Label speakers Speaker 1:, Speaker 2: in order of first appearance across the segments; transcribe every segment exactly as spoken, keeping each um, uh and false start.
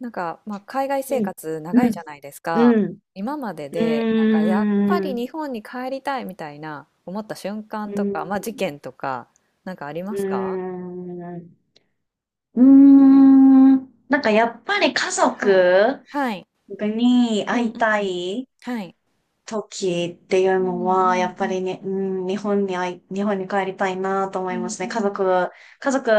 Speaker 1: なんか、まあ、海外生
Speaker 2: いい。
Speaker 1: 活
Speaker 2: う
Speaker 1: 長い
Speaker 2: ん、
Speaker 1: じゃないです
Speaker 2: う
Speaker 1: か。
Speaker 2: ん、
Speaker 1: 今まで
Speaker 2: う
Speaker 1: で、なんかやっぱ
Speaker 2: ー
Speaker 1: り
Speaker 2: ん、
Speaker 1: 日本に帰りたいみたいな思った瞬
Speaker 2: う
Speaker 1: 間
Speaker 2: ー
Speaker 1: と
Speaker 2: ん、
Speaker 1: か、まあ、事件とか、なんかあり
Speaker 2: う
Speaker 1: ま
Speaker 2: ー
Speaker 1: すか？
Speaker 2: ん、うーんなんかやっぱり家
Speaker 1: はい。
Speaker 2: 族
Speaker 1: はい。
Speaker 2: に
Speaker 1: うん
Speaker 2: 会い
Speaker 1: う
Speaker 2: た
Speaker 1: ん。
Speaker 2: い
Speaker 1: はい。
Speaker 2: 時っていう
Speaker 1: う
Speaker 2: の
Speaker 1: んう
Speaker 2: は、やっぱ
Speaker 1: ん
Speaker 2: りね、うん、日本に会い、日本に帰りたいなと思
Speaker 1: う
Speaker 2: いま
Speaker 1: ん。う
Speaker 2: す
Speaker 1: んう
Speaker 2: ね。家
Speaker 1: ん。
Speaker 2: 族、家族、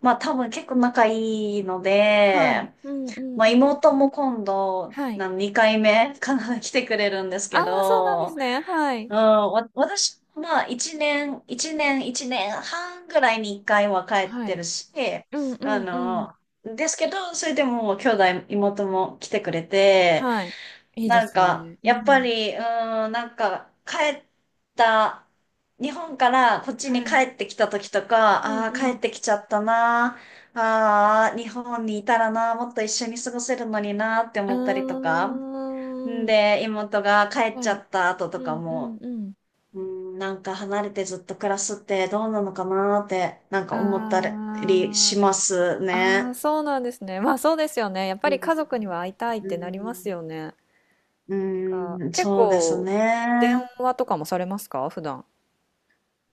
Speaker 2: まあ多分結構仲いいの
Speaker 1: は
Speaker 2: で、
Speaker 1: い。うんうん
Speaker 2: まあ
Speaker 1: うん。
Speaker 2: 妹も今度、
Speaker 1: はい。
Speaker 2: なにかいめかな、来てくれるんです
Speaker 1: あ
Speaker 2: け
Speaker 1: あ、そうなんです
Speaker 2: ど、
Speaker 1: ね。はい。
Speaker 2: うん、わ、私、まあ、一年、一年、一年半ぐらいに一回は帰っ
Speaker 1: は
Speaker 2: て
Speaker 1: い。
Speaker 2: るし、
Speaker 1: うんう
Speaker 2: あ
Speaker 1: んうん。
Speaker 2: の、ですけど、それでも兄弟、妹も来てくれて、
Speaker 1: はい。いいで
Speaker 2: なん
Speaker 1: す
Speaker 2: か、
Speaker 1: ね。う
Speaker 2: やっぱ
Speaker 1: ん。
Speaker 2: り、うん、なんか、帰った、日本からこっち
Speaker 1: は
Speaker 2: に帰
Speaker 1: い。
Speaker 2: ってきた時とか、
Speaker 1: うん
Speaker 2: ああ、
Speaker 1: う
Speaker 2: 帰っ
Speaker 1: ん。
Speaker 2: てきちゃったな、ああ、日本にいたらな、もっと一緒に過ごせるのになって
Speaker 1: あ
Speaker 2: 思ったりとか、
Speaker 1: ー
Speaker 2: ん
Speaker 1: ん。
Speaker 2: で、妹が帰っ
Speaker 1: は
Speaker 2: ちゃ
Speaker 1: い。
Speaker 2: った後
Speaker 1: う
Speaker 2: とか
Speaker 1: んう
Speaker 2: も、
Speaker 1: んうん。
Speaker 2: うん、なんか離れてずっと暮らすってどうなのかなーって、なんか思ったりし
Speaker 1: あー
Speaker 2: ます
Speaker 1: あ
Speaker 2: ね。
Speaker 1: ー、そうなんですね。まあそうですよね。やっぱ
Speaker 2: うん、
Speaker 1: り家族には会いたいっ
Speaker 2: う
Speaker 1: てなります
Speaker 2: ん、
Speaker 1: よね。か
Speaker 2: うん
Speaker 1: 結
Speaker 2: そうです
Speaker 1: 構、電
Speaker 2: ね。
Speaker 1: 話とかもされますか普段？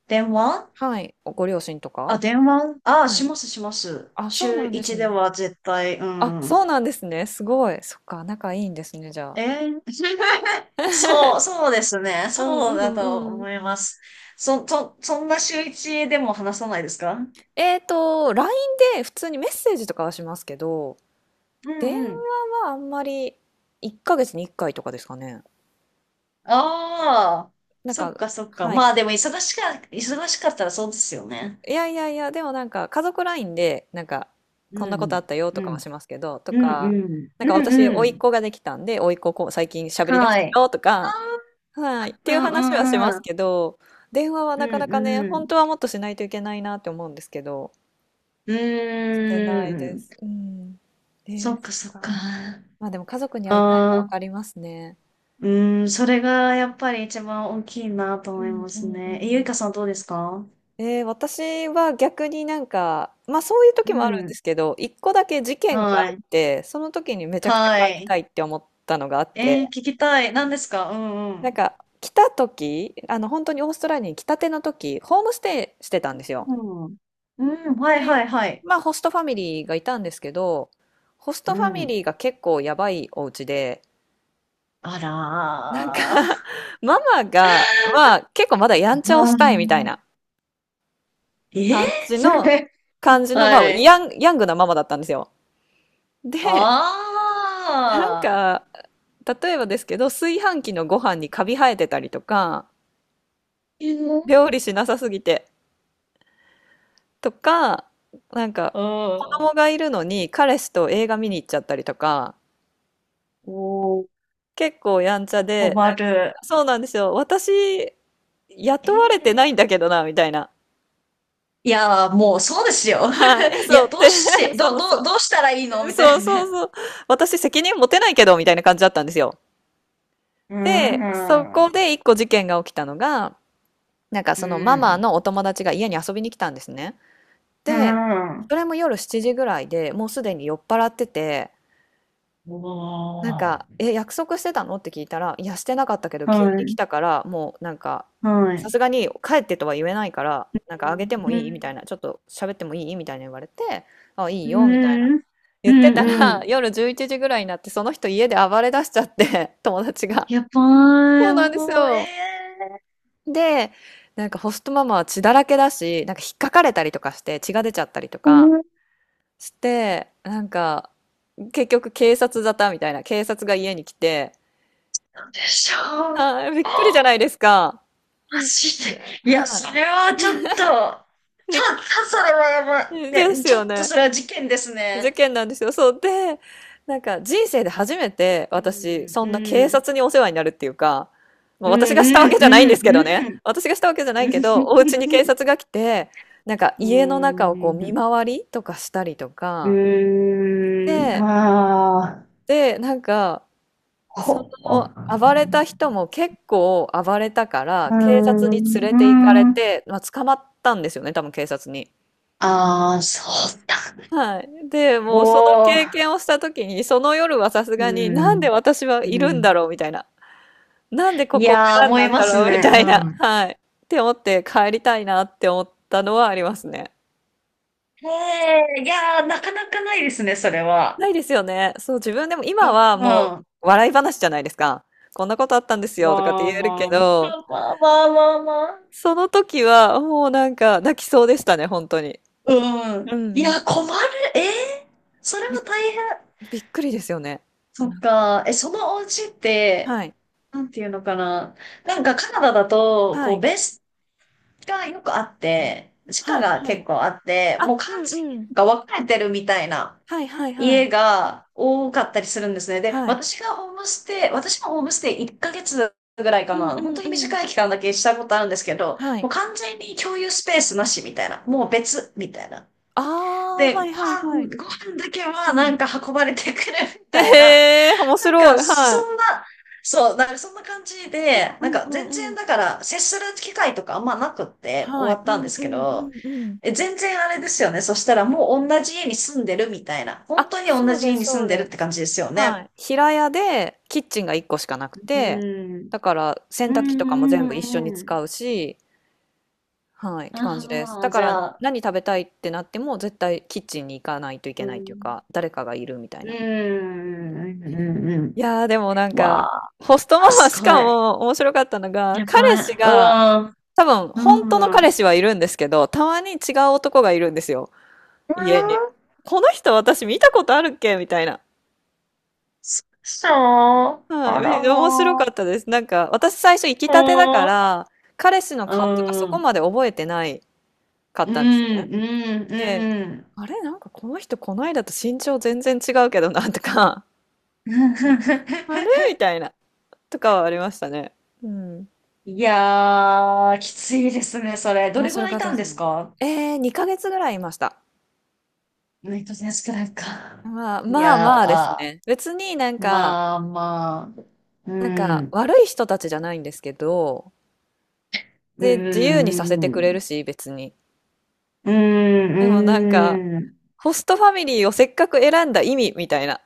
Speaker 2: 電話
Speaker 1: はい。おご両親と
Speaker 2: あ、
Speaker 1: か。
Speaker 2: 電話、あ、
Speaker 1: は
Speaker 2: し
Speaker 1: い。
Speaker 2: ますします。
Speaker 1: あ、そう
Speaker 2: 週
Speaker 1: なんです
Speaker 2: 一で
Speaker 1: ね。
Speaker 2: は絶対、う
Speaker 1: あ、そ
Speaker 2: ん。
Speaker 1: うなんですね。すごい。そっか、仲いいんですね、じゃあ。
Speaker 2: えー そう、そうですね。
Speaker 1: うん
Speaker 2: そう
Speaker 1: う
Speaker 2: だと
Speaker 1: んうん。
Speaker 2: 思います。そ、そ、そんな週一でも話さないですか？う
Speaker 1: えっと、ライン で普通にメッセージとかはしますけど、
Speaker 2: ん
Speaker 1: 電
Speaker 2: う
Speaker 1: 話
Speaker 2: ん。
Speaker 1: はあんまりいっかげつにいっかいとかですかね。
Speaker 2: ああ、
Speaker 1: なん
Speaker 2: そっ
Speaker 1: か、
Speaker 2: かそっか。
Speaker 1: はい。
Speaker 2: まあでも忙しか、忙しかったらそうですよね。
Speaker 1: いやいやいや、でもなんか家族ラインで、なんか、
Speaker 2: う
Speaker 1: こんなことあ
Speaker 2: ん、
Speaker 1: ったよと
Speaker 2: う
Speaker 1: かは
Speaker 2: ん、
Speaker 1: しますけど、とうん
Speaker 2: うん、うん、
Speaker 1: か、なん
Speaker 2: う
Speaker 1: か
Speaker 2: ん、
Speaker 1: 私、
Speaker 2: う
Speaker 1: 甥っ
Speaker 2: ん。
Speaker 1: 子ができたんで、甥っ子こう最近喋り出し
Speaker 2: は
Speaker 1: た
Speaker 2: い。
Speaker 1: よとか、はい、って
Speaker 2: う
Speaker 1: いう
Speaker 2: ん、う
Speaker 1: 話はしま
Speaker 2: ん、う
Speaker 1: す
Speaker 2: ん、
Speaker 1: けど、電話は
Speaker 2: う
Speaker 1: なかな
Speaker 2: ん、
Speaker 1: かね、
Speaker 2: う
Speaker 1: 本
Speaker 2: ん。
Speaker 1: 当はもっとしないといけないなって思うんですけど、
Speaker 2: う
Speaker 1: してない
Speaker 2: ー
Speaker 1: で
Speaker 2: ん、
Speaker 1: す。うん。え
Speaker 2: そ
Speaker 1: ー、
Speaker 2: っか
Speaker 1: そっ
Speaker 2: そっか。
Speaker 1: か。
Speaker 2: あ
Speaker 1: まあでも家族に会いたいはわ
Speaker 2: あ、
Speaker 1: かりますね。
Speaker 2: うん、それがやっぱり一番大きいなと
Speaker 1: う
Speaker 2: 思い
Speaker 1: ん
Speaker 2: ま
Speaker 1: う
Speaker 2: す
Speaker 1: んう
Speaker 2: ね。え、ゆい
Speaker 1: ん。
Speaker 2: かさんどうですか？
Speaker 1: えー、私は逆になんか、まあそういう
Speaker 2: う
Speaker 1: 時もあるんで
Speaker 2: ん、
Speaker 1: すけど、一個だけ事件があ
Speaker 2: は
Speaker 1: っ
Speaker 2: い、
Speaker 1: て、その時にめちゃくちゃ
Speaker 2: は
Speaker 1: 帰り
Speaker 2: い。
Speaker 1: たいって思ったのがあって、
Speaker 2: えー聞きたい。何ですか？うん、う
Speaker 1: なん
Speaker 2: ん。
Speaker 1: か来た時、あの本当にオーストラリアに来たての時、ホームステイしてたんですよ。
Speaker 2: うん、うん、はい、は
Speaker 1: で、
Speaker 2: い、はい。
Speaker 1: まあホストファミリーがいたんですけど、ホス
Speaker 2: う
Speaker 1: トファミリ
Speaker 2: ん。
Speaker 1: ーが結構やばいお家で、
Speaker 2: あ
Speaker 1: なんか
Speaker 2: ら ー。
Speaker 1: ママが、まあ結構まだやんちゃをしたいみたい
Speaker 2: あ
Speaker 1: な
Speaker 2: ー
Speaker 1: 感
Speaker 2: え
Speaker 1: じの、
Speaker 2: ー
Speaker 1: 感 じの、ま
Speaker 2: は
Speaker 1: あ
Speaker 2: い。
Speaker 1: ヤン、ヤングなママだったんですよ。
Speaker 2: あ
Speaker 1: で、なん
Speaker 2: あ。
Speaker 1: か、例えばですけど、炊飯器のご飯にカビ生えてたりとか、
Speaker 2: えーうん。
Speaker 1: 料理しなさすぎてとか、なんか、子
Speaker 2: お
Speaker 1: 供がいるのに彼氏と映画見に行っちゃったりとか、
Speaker 2: ー、
Speaker 1: 結構やんちゃで、な
Speaker 2: 困
Speaker 1: んか
Speaker 2: る。
Speaker 1: そうなんですよ。私、
Speaker 2: え
Speaker 1: 雇われてないんだ
Speaker 2: ー
Speaker 1: けどな、みたいな。
Speaker 2: いやー、もうそうですよ。
Speaker 1: はい、え、
Speaker 2: い
Speaker 1: そ
Speaker 2: や、
Speaker 1: うっ
Speaker 2: どうし
Speaker 1: て、
Speaker 2: て、ど、
Speaker 1: そうそ
Speaker 2: ど、
Speaker 1: う。
Speaker 2: どうしたらいいのみたい
Speaker 1: そう
Speaker 2: な
Speaker 1: そう
Speaker 2: ね。
Speaker 1: そう。私責任持てないけど、みたいな感じだったんですよ。
Speaker 2: うー
Speaker 1: で、そ
Speaker 2: ん。
Speaker 1: こ
Speaker 2: う
Speaker 1: で一個事件が起きたのが、なんか
Speaker 2: ー
Speaker 1: そのママ
Speaker 2: ん。
Speaker 1: のお友達が家に遊びに来たんですね。
Speaker 2: うー
Speaker 1: で、
Speaker 2: ん。
Speaker 1: それも夜しちじぐらいで、もうすでに酔っ払ってて、
Speaker 2: お
Speaker 1: なんか
Speaker 2: ー。
Speaker 1: 「え、約束してたの？」って聞いたら「いや、してなかったけど急
Speaker 2: は
Speaker 1: に来
Speaker 2: い。
Speaker 1: たから、もうなんか、
Speaker 2: は
Speaker 1: さ
Speaker 2: い。
Speaker 1: すがに帰ってとは言えないから、なんかあげても
Speaker 2: う
Speaker 1: いい？」みたい
Speaker 2: ん。
Speaker 1: な「ちょっと喋ってもいい？」みたいな言われて「あ、いい
Speaker 2: う
Speaker 1: よ」みたいな
Speaker 2: ん。う
Speaker 1: 言
Speaker 2: ん。
Speaker 1: ってた
Speaker 2: う
Speaker 1: ら、
Speaker 2: ん。
Speaker 1: 夜じゅういちじぐらいになってその人家で暴れ出しちゃって、友達が。
Speaker 2: やば
Speaker 1: そ
Speaker 2: い、
Speaker 1: うなんです
Speaker 2: もう、え
Speaker 1: よ。
Speaker 2: え
Speaker 1: で、なんかホストママは血だらけだし、なんか引っかかれたりとかして血が出ちゃったりと
Speaker 2: ー、
Speaker 1: か
Speaker 2: 思っ
Speaker 1: して、なんか、結局警察沙汰みたいな、警察が家に来て、
Speaker 2: たでしょう。
Speaker 1: あー、びっくりじゃ
Speaker 2: あ、
Speaker 1: ないですか。う
Speaker 2: マ
Speaker 1: ん、
Speaker 2: ジで。いや、
Speaker 1: は
Speaker 2: それはちょっと、ちょっ
Speaker 1: い。びっ
Speaker 2: と、それはやば
Speaker 1: で
Speaker 2: い。ね、
Speaker 1: す
Speaker 2: ちょ
Speaker 1: よ
Speaker 2: っと
Speaker 1: ね。
Speaker 2: それは事件です
Speaker 1: 事
Speaker 2: ね。
Speaker 1: 件なんですよ。そう。で、なんか人生で初めて
Speaker 2: う
Speaker 1: 私、
Speaker 2: ん、
Speaker 1: そ
Speaker 2: う
Speaker 1: んな警
Speaker 2: ん、
Speaker 1: 察にお世話になるっていうか、まあ、
Speaker 2: うん、う
Speaker 1: 私がしたわ
Speaker 2: ん、
Speaker 1: けじゃないんですけど
Speaker 2: うん、
Speaker 1: ね。
Speaker 2: うん、
Speaker 1: 私がしたわけじゃないけど、お家に警察が来て、なんか
Speaker 2: うー
Speaker 1: 家の中をこう見
Speaker 2: ん、
Speaker 1: 回りとかしたりとか、
Speaker 2: うーん、
Speaker 1: で、
Speaker 2: ああ、
Speaker 1: で、なんかそ
Speaker 2: ほ、う
Speaker 1: の暴れた人も結構暴れたか
Speaker 2: ー
Speaker 1: ら、警察
Speaker 2: ん、
Speaker 1: に連
Speaker 2: う
Speaker 1: れ
Speaker 2: ー
Speaker 1: て行かれ
Speaker 2: ん、
Speaker 1: て、まあ、捕まったんですよね、多分警察に。
Speaker 2: ああ、そうだ。
Speaker 1: はい。で、もうその
Speaker 2: お
Speaker 1: 経
Speaker 2: ー、
Speaker 1: 験をした時に、その夜はさす
Speaker 2: う
Speaker 1: がに、なんで
Speaker 2: ん、
Speaker 1: 私は
Speaker 2: う
Speaker 1: いるん
Speaker 2: ん。
Speaker 1: だろうみたいな。なんでこ
Speaker 2: い
Speaker 1: こを
Speaker 2: やー、
Speaker 1: 選ん
Speaker 2: 思
Speaker 1: だ
Speaker 2: い
Speaker 1: ん
Speaker 2: ま
Speaker 1: だ
Speaker 2: す
Speaker 1: ろうみ
Speaker 2: ね。
Speaker 1: た
Speaker 2: う
Speaker 1: いな。
Speaker 2: ん。
Speaker 1: はい。って思って帰りたいなって思ったのはありますね。
Speaker 2: へえ、いやー、なかなかないですね、それは。
Speaker 1: ないですよね。そう、自分でも
Speaker 2: う
Speaker 1: 今はも
Speaker 2: ん。
Speaker 1: う笑い話じゃないですか。こんなことあったんですよとかって
Speaker 2: まあ
Speaker 1: 言えるけ
Speaker 2: まあ、ま
Speaker 1: ど、
Speaker 2: あまあまあまあ。
Speaker 1: その時は、もうなんか泣きそうでしたね、本当に。
Speaker 2: う
Speaker 1: う
Speaker 2: ん。い
Speaker 1: ん、
Speaker 2: や、困る。えー、それ
Speaker 1: び
Speaker 2: は大変。
Speaker 1: びっくりですよね。
Speaker 2: そっ
Speaker 1: なんか、
Speaker 2: か。え、そのお家って、
Speaker 1: はい。
Speaker 2: なんていうのかな。なんかカナダだと、
Speaker 1: は
Speaker 2: こう、
Speaker 1: い。
Speaker 2: ベースがよくあって、地下
Speaker 1: はい、
Speaker 2: が
Speaker 1: は
Speaker 2: 結
Speaker 1: い。
Speaker 2: 構あって、もう
Speaker 1: あ、う
Speaker 2: 完
Speaker 1: ん
Speaker 2: 全
Speaker 1: う
Speaker 2: に
Speaker 1: ん。
Speaker 2: なんか分かれてるみたいな
Speaker 1: はいはいは
Speaker 2: 家
Speaker 1: い。
Speaker 2: が多かったりするんですね。で、
Speaker 1: はい。
Speaker 2: 私がホームステイ、私もホームステイいっかげつぐらい
Speaker 1: う
Speaker 2: か
Speaker 1: ん
Speaker 2: な。
Speaker 1: う
Speaker 2: 本当
Speaker 1: ん
Speaker 2: に
Speaker 1: うん。
Speaker 2: 短い期間だけしたことあるんですけど、
Speaker 1: は
Speaker 2: も
Speaker 1: い。
Speaker 2: う完全に共有スペースなしみたいな。もう別みたいな。
Speaker 1: ああ、は
Speaker 2: で、ご
Speaker 1: いはいは
Speaker 2: 飯、
Speaker 1: い。
Speaker 2: ご飯だけ
Speaker 1: う
Speaker 2: はな
Speaker 1: ん。
Speaker 2: んか運ばれてくるみたいな。
Speaker 1: ええー、面
Speaker 2: なん
Speaker 1: 白
Speaker 2: か
Speaker 1: い。
Speaker 2: そ
Speaker 1: はい。
Speaker 2: んな、そう、なんかそんな感じで、
Speaker 1: う
Speaker 2: なん
Speaker 1: ん
Speaker 2: か
Speaker 1: う
Speaker 2: 全
Speaker 1: んう
Speaker 2: 然
Speaker 1: ん。
Speaker 2: だから接する機会とかあんまなくって終
Speaker 1: は
Speaker 2: わ
Speaker 1: い。
Speaker 2: っ
Speaker 1: う
Speaker 2: たんで
Speaker 1: ん
Speaker 2: す
Speaker 1: う
Speaker 2: け
Speaker 1: ん
Speaker 2: ど、
Speaker 1: うんうん。
Speaker 2: え、全然あれですよね。そしたらもう同じ家に住んでるみたいな。本
Speaker 1: あ、
Speaker 2: 当に同
Speaker 1: そう
Speaker 2: じ
Speaker 1: で
Speaker 2: 家
Speaker 1: す
Speaker 2: に住
Speaker 1: そう
Speaker 2: んでる
Speaker 1: で
Speaker 2: って
Speaker 1: す。
Speaker 2: 感じですよね。
Speaker 1: はい。平屋でキッチンが一個しかなく
Speaker 2: う
Speaker 1: て、
Speaker 2: ん。
Speaker 1: だから洗
Speaker 2: う
Speaker 1: 濯機とかも
Speaker 2: んう
Speaker 1: 全部一緒に
Speaker 2: んうん。
Speaker 1: 使うし、はい、って感じです。
Speaker 2: あ
Speaker 1: だ
Speaker 2: あ、
Speaker 1: か
Speaker 2: じ
Speaker 1: ら
Speaker 2: ゃあ、
Speaker 1: 何食べたいってなっても絶対キッチンに行かないとい
Speaker 2: う
Speaker 1: けないという
Speaker 2: ん。
Speaker 1: か、誰かがいるみたい
Speaker 2: うん
Speaker 1: な。うんうん。
Speaker 2: うんうんう
Speaker 1: いやー、でもなん
Speaker 2: ん。
Speaker 1: か、
Speaker 2: わ
Speaker 1: ホスト
Speaker 2: あ、
Speaker 1: ママ
Speaker 2: す
Speaker 1: しか
Speaker 2: ごい。
Speaker 1: も面白かったのが、
Speaker 2: や
Speaker 1: 彼
Speaker 2: ば
Speaker 1: 氏
Speaker 2: い。う
Speaker 1: が、
Speaker 2: ん。
Speaker 1: 多分
Speaker 2: う
Speaker 1: 本当の
Speaker 2: ん。うん
Speaker 1: 彼氏はいるんですけど、たまに違う男がいるんですよ、家に。この人私見たことあるっけみたいな。
Speaker 2: そう。
Speaker 1: は
Speaker 2: あ
Speaker 1: い、
Speaker 2: ら
Speaker 1: み面白か
Speaker 2: ま
Speaker 1: ったです。なんか、私最初行きたてだか
Speaker 2: あ。
Speaker 1: ら、彼氏の
Speaker 2: う
Speaker 1: 顔とかそ
Speaker 2: ん。う
Speaker 1: こ
Speaker 2: ん。
Speaker 1: まで覚えてないかっ
Speaker 2: うん。
Speaker 1: たんですね。で、
Speaker 2: うん。う
Speaker 1: あれなんかこの人こないだと身長全然違うけどなとか、
Speaker 2: ん。
Speaker 1: あれ みたいな、とかはありましたね。うん。
Speaker 2: いやー、きついですね、それ。ど
Speaker 1: 面
Speaker 2: れぐ
Speaker 1: 白
Speaker 2: らい
Speaker 1: か
Speaker 2: い
Speaker 1: った
Speaker 2: た
Speaker 1: で
Speaker 2: んで
Speaker 1: す
Speaker 2: す
Speaker 1: ね。
Speaker 2: か？
Speaker 1: えー、にかげつぐらいいました。
Speaker 2: ネット選手くらいか。
Speaker 1: まあ、
Speaker 2: いや
Speaker 1: まあま
Speaker 2: ー、
Speaker 1: あです
Speaker 2: あ
Speaker 1: ね。別になんか、
Speaker 2: まあまあ、う
Speaker 1: なんか
Speaker 2: ん、
Speaker 1: 悪い人たちじゃないんですけど、
Speaker 2: う
Speaker 1: で、自由にさせ
Speaker 2: ん、
Speaker 1: て
Speaker 2: う
Speaker 1: くれ
Speaker 2: ん、
Speaker 1: るし、別に。
Speaker 2: うん、
Speaker 1: でもなんか、
Speaker 2: うん。
Speaker 1: ホストファミリーをせっかく選んだ意味みたいな。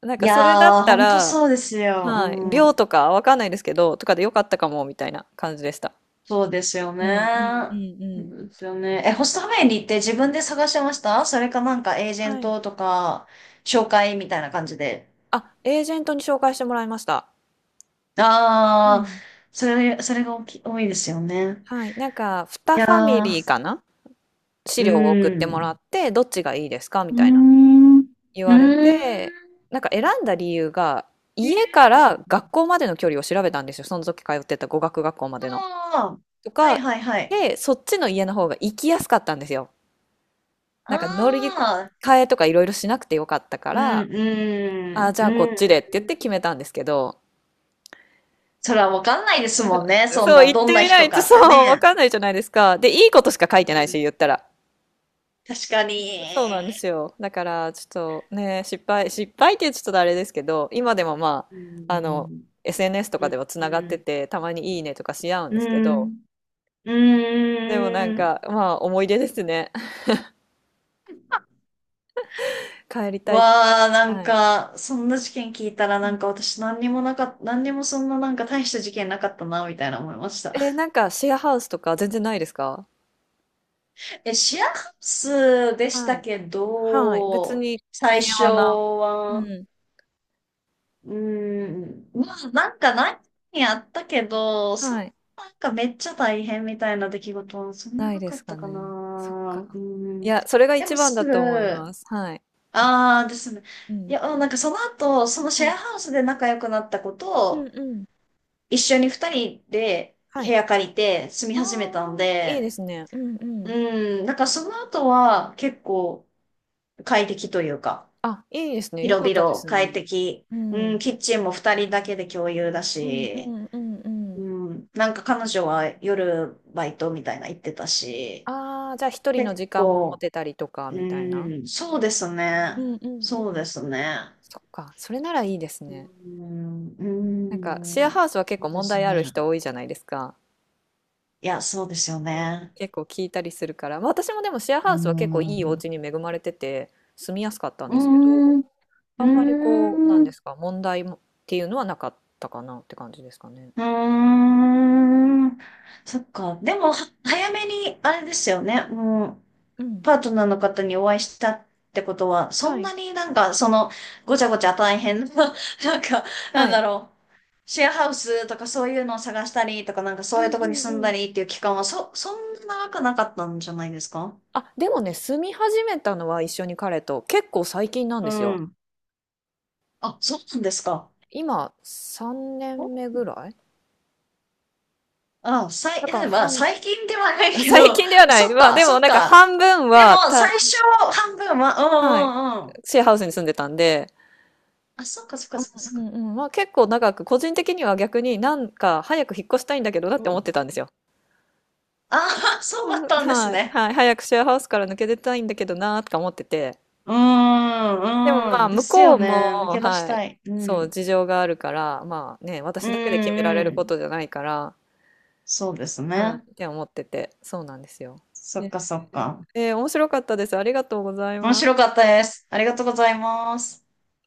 Speaker 1: なん
Speaker 2: い
Speaker 1: かそれだっ
Speaker 2: やー、
Speaker 1: た
Speaker 2: ほんと
Speaker 1: ら、
Speaker 2: そうですよ。
Speaker 1: はい、
Speaker 2: う
Speaker 1: 寮
Speaker 2: ん、
Speaker 1: とかわかんないですけど、とかでよかったかも、みたいな感じでした。
Speaker 2: そうですよ
Speaker 1: うんうんう
Speaker 2: ね。
Speaker 1: ん
Speaker 2: そ
Speaker 1: うん。
Speaker 2: うですよね。え、ホストファミリーって自分で探してました？それかなんかエージェン
Speaker 1: はい。
Speaker 2: トとか、紹介みたいな感じで。
Speaker 1: あ、エージェントに紹介してもらいました。う
Speaker 2: あー、
Speaker 1: ん。
Speaker 2: それ、それが大き多いですよね。
Speaker 1: はい。なんか、
Speaker 2: い
Speaker 1: に
Speaker 2: や
Speaker 1: ファミリー
Speaker 2: ー、
Speaker 1: かな、資
Speaker 2: う
Speaker 1: 料を送ってもら
Speaker 2: ん。
Speaker 1: って、どっちがいいですかみ
Speaker 2: うー
Speaker 1: たいな
Speaker 2: ん。う
Speaker 1: 言われ
Speaker 2: ーん。
Speaker 1: て、なんか選んだ理由が、
Speaker 2: えー
Speaker 1: 家か
Speaker 2: う
Speaker 1: ら
Speaker 2: んう
Speaker 1: 学
Speaker 2: ん
Speaker 1: 校までの距離を調べたんですよ。その時通ってた語学学校までの。
Speaker 2: あ
Speaker 1: と
Speaker 2: あ、はい
Speaker 1: か、
Speaker 2: はいはい。
Speaker 1: で、そっちの家の方が行きやすかったんですよ。
Speaker 2: あ
Speaker 1: なんか乗り
Speaker 2: あ、
Speaker 1: 換えとかいろいろしなくてよかったか
Speaker 2: うん、
Speaker 1: ら、
Speaker 2: う
Speaker 1: あ、
Speaker 2: ん、
Speaker 1: じゃあこ
Speaker 2: う
Speaker 1: っ
Speaker 2: ん。
Speaker 1: ちでって言って決めたんですけど、
Speaker 2: それはわかんないですもんね。そん
Speaker 1: そう、
Speaker 2: な、
Speaker 1: 言っ
Speaker 2: ど
Speaker 1: て
Speaker 2: んな
Speaker 1: みな
Speaker 2: 人
Speaker 1: い
Speaker 2: か
Speaker 1: と、
Speaker 2: って
Speaker 1: そう、わ
Speaker 2: ね。
Speaker 1: かんないじゃないですか。で、いいことしか書いて
Speaker 2: う
Speaker 1: ないし、
Speaker 2: ん、
Speaker 1: 言ったら。
Speaker 2: 確か
Speaker 1: そうなんで
Speaker 2: に。
Speaker 1: すよ。だから、ちょっとね、失敗、失敗ってちょっとあれですけど、今でもま
Speaker 2: う
Speaker 1: あ、あの、
Speaker 2: ん、
Speaker 1: エスエヌエス と
Speaker 2: う
Speaker 1: かで
Speaker 2: ん、
Speaker 1: はつ
Speaker 2: う
Speaker 1: ながって
Speaker 2: ん、
Speaker 1: て、たまにいいねとかし合うん
Speaker 2: う
Speaker 1: ですけど、
Speaker 2: ん。う
Speaker 1: でもなん
Speaker 2: ん
Speaker 1: か、まあ、思い出ですね。帰りたい。
Speaker 2: わあ、なん
Speaker 1: はい。
Speaker 2: か、そんな事件聞いたら、なんか私何にもなかった、何にもそんななんか大した事件なかったな、みたいな思いました。
Speaker 1: えーなんか、シェアハウスとか全然ないですか？
Speaker 2: え、シェアハウスでし
Speaker 1: は
Speaker 2: た
Speaker 1: い。
Speaker 2: け
Speaker 1: はい。別
Speaker 2: ど、
Speaker 1: に
Speaker 2: 最
Speaker 1: 平
Speaker 2: 初
Speaker 1: 和な。う
Speaker 2: は、
Speaker 1: ん。
Speaker 2: うん、まあなんか何やったけど、そん
Speaker 1: は
Speaker 2: な
Speaker 1: い。
Speaker 2: なんかめっちゃ大変みたいな出来事はそん
Speaker 1: な
Speaker 2: な
Speaker 1: い
Speaker 2: な
Speaker 1: で
Speaker 2: か
Speaker 1: す
Speaker 2: っ
Speaker 1: か
Speaker 2: たかな。
Speaker 1: ね。そっか。
Speaker 2: う
Speaker 1: い
Speaker 2: ん。
Speaker 1: や、それが
Speaker 2: で
Speaker 1: 一
Speaker 2: も
Speaker 1: 番だ
Speaker 2: すぐ、
Speaker 1: と思います。はい。
Speaker 2: ああですね。
Speaker 1: う
Speaker 2: い
Speaker 1: ん。
Speaker 2: や、なんかその後、そのシ
Speaker 1: は
Speaker 2: ェ
Speaker 1: い。
Speaker 2: アハウスで仲良くなった子
Speaker 1: うん
Speaker 2: と、
Speaker 1: うん。
Speaker 2: 一緒に二人で
Speaker 1: は
Speaker 2: 部
Speaker 1: い。
Speaker 2: 屋借りて住み
Speaker 1: あ
Speaker 2: 始めたん
Speaker 1: あ、いい
Speaker 2: で、
Speaker 1: ですね。うんうん。
Speaker 2: うん、なんかその後は結構、快適というか、
Speaker 1: あ、いいですね。よかっ
Speaker 2: 広
Speaker 1: たで
Speaker 2: 々
Speaker 1: す
Speaker 2: 快
Speaker 1: ね。
Speaker 2: 適。
Speaker 1: う
Speaker 2: うん、
Speaker 1: ん。
Speaker 2: キッチンも二人だけで共有だ
Speaker 1: うんう
Speaker 2: し、
Speaker 1: んうんうん。
Speaker 2: うん、なんか彼女は夜バイトみたいな言ってたし、
Speaker 1: ああ、じゃあ一人の
Speaker 2: 結
Speaker 1: 時間も持
Speaker 2: 構、
Speaker 1: てたりとか
Speaker 2: う
Speaker 1: みたいな。
Speaker 2: ん、そうです
Speaker 1: う
Speaker 2: ね。
Speaker 1: んうんう
Speaker 2: そう
Speaker 1: ん。
Speaker 2: ですね。
Speaker 1: そっか。それならいいです
Speaker 2: う
Speaker 1: ね。
Speaker 2: ん、
Speaker 1: なんかシ
Speaker 2: う
Speaker 1: ェア
Speaker 2: ん、
Speaker 1: ハウスは結
Speaker 2: そう
Speaker 1: 構
Speaker 2: で
Speaker 1: 問
Speaker 2: す
Speaker 1: 題ある
Speaker 2: ね。
Speaker 1: 人多いじゃないですか。
Speaker 2: いや、そうですよね。
Speaker 1: 結構聞いたりするから、まあ、私もでもシェアハ
Speaker 2: う
Speaker 1: ウスは結構いいお
Speaker 2: ん、
Speaker 1: 家に恵まれてて住みやすかったん
Speaker 2: う
Speaker 1: ですけど、
Speaker 2: ん、
Speaker 1: あんまりこう、なん
Speaker 2: う
Speaker 1: で
Speaker 2: ん。
Speaker 1: すか、問題もっていうのはなかったかなって感じですかね。
Speaker 2: うーん。そっか。でも、は早めに、あれですよね。もう、
Speaker 1: うん。
Speaker 2: パートナーの方にお会いしたってことは、そ
Speaker 1: は
Speaker 2: ん
Speaker 1: い。
Speaker 2: なになんか、その、ごちゃごちゃ大変な、なんか、な
Speaker 1: は
Speaker 2: ん
Speaker 1: い。
Speaker 2: だ
Speaker 1: う
Speaker 2: ろう。シェアハウスとかそういうのを探したりとか、なんかそういう
Speaker 1: ん
Speaker 2: と
Speaker 1: う
Speaker 2: こに
Speaker 1: ん
Speaker 2: 住ん
Speaker 1: う
Speaker 2: だ
Speaker 1: ん。
Speaker 2: りっていう期間は、そ、そんな長くなかったんじゃないですか？
Speaker 1: あ、でもね、住み始めたのは一緒に彼と結構最近なん
Speaker 2: う
Speaker 1: ですよ。
Speaker 2: ん。あ、そうなんですか。
Speaker 1: 今さんねんめ
Speaker 2: お
Speaker 1: ぐらい
Speaker 2: あ、さい、
Speaker 1: だから
Speaker 2: まあ、
Speaker 1: 半、
Speaker 2: 最近ではない け
Speaker 1: 最
Speaker 2: ど、
Speaker 1: 近ではない。
Speaker 2: そっ
Speaker 1: まあ
Speaker 2: か、
Speaker 1: で
Speaker 2: そ
Speaker 1: も
Speaker 2: っ
Speaker 1: なんか
Speaker 2: か。
Speaker 1: 半分
Speaker 2: で
Speaker 1: は
Speaker 2: も、最
Speaker 1: た、
Speaker 2: 初半分は、う
Speaker 1: はい、
Speaker 2: んうんうん。
Speaker 1: シェアハウスに住んでたんで、
Speaker 2: あ、そっかそっか
Speaker 1: う
Speaker 2: そっかそっ
Speaker 1: ん
Speaker 2: か。
Speaker 1: うんうん。まあ結構長く、個人的には逆になんか早く引っ越したいんだけどなっ
Speaker 2: う
Speaker 1: て思っ
Speaker 2: ん。
Speaker 1: てたんですよ。
Speaker 2: ああ、そ
Speaker 1: う
Speaker 2: うだっ
Speaker 1: ん、
Speaker 2: たんです
Speaker 1: はい。
Speaker 2: ね。
Speaker 1: はい。早くシェアハウスから抜け出たいんだけどなーとか思ってて。
Speaker 2: う
Speaker 1: でも
Speaker 2: ー
Speaker 1: ま
Speaker 2: ん、
Speaker 1: あ
Speaker 2: うん。で
Speaker 1: 向
Speaker 2: す
Speaker 1: こ
Speaker 2: よ
Speaker 1: う
Speaker 2: ね。抜
Speaker 1: も、
Speaker 2: け出し
Speaker 1: はい。
Speaker 2: たい。う
Speaker 1: そう、
Speaker 2: ん。
Speaker 1: 事情があるから、まあね、
Speaker 2: うん、
Speaker 1: 私だけで決められる
Speaker 2: う
Speaker 1: こ
Speaker 2: ん。
Speaker 1: とじゃないから、
Speaker 2: そうです
Speaker 1: は
Speaker 2: ね。
Speaker 1: い。って思ってて。そうなんですよ。
Speaker 2: そっ
Speaker 1: ね、
Speaker 2: かそっか。
Speaker 1: えー面白かったです。ありがとうござい
Speaker 2: 面
Speaker 1: ま
Speaker 2: 白
Speaker 1: す。
Speaker 2: かったです。ありがとうございます。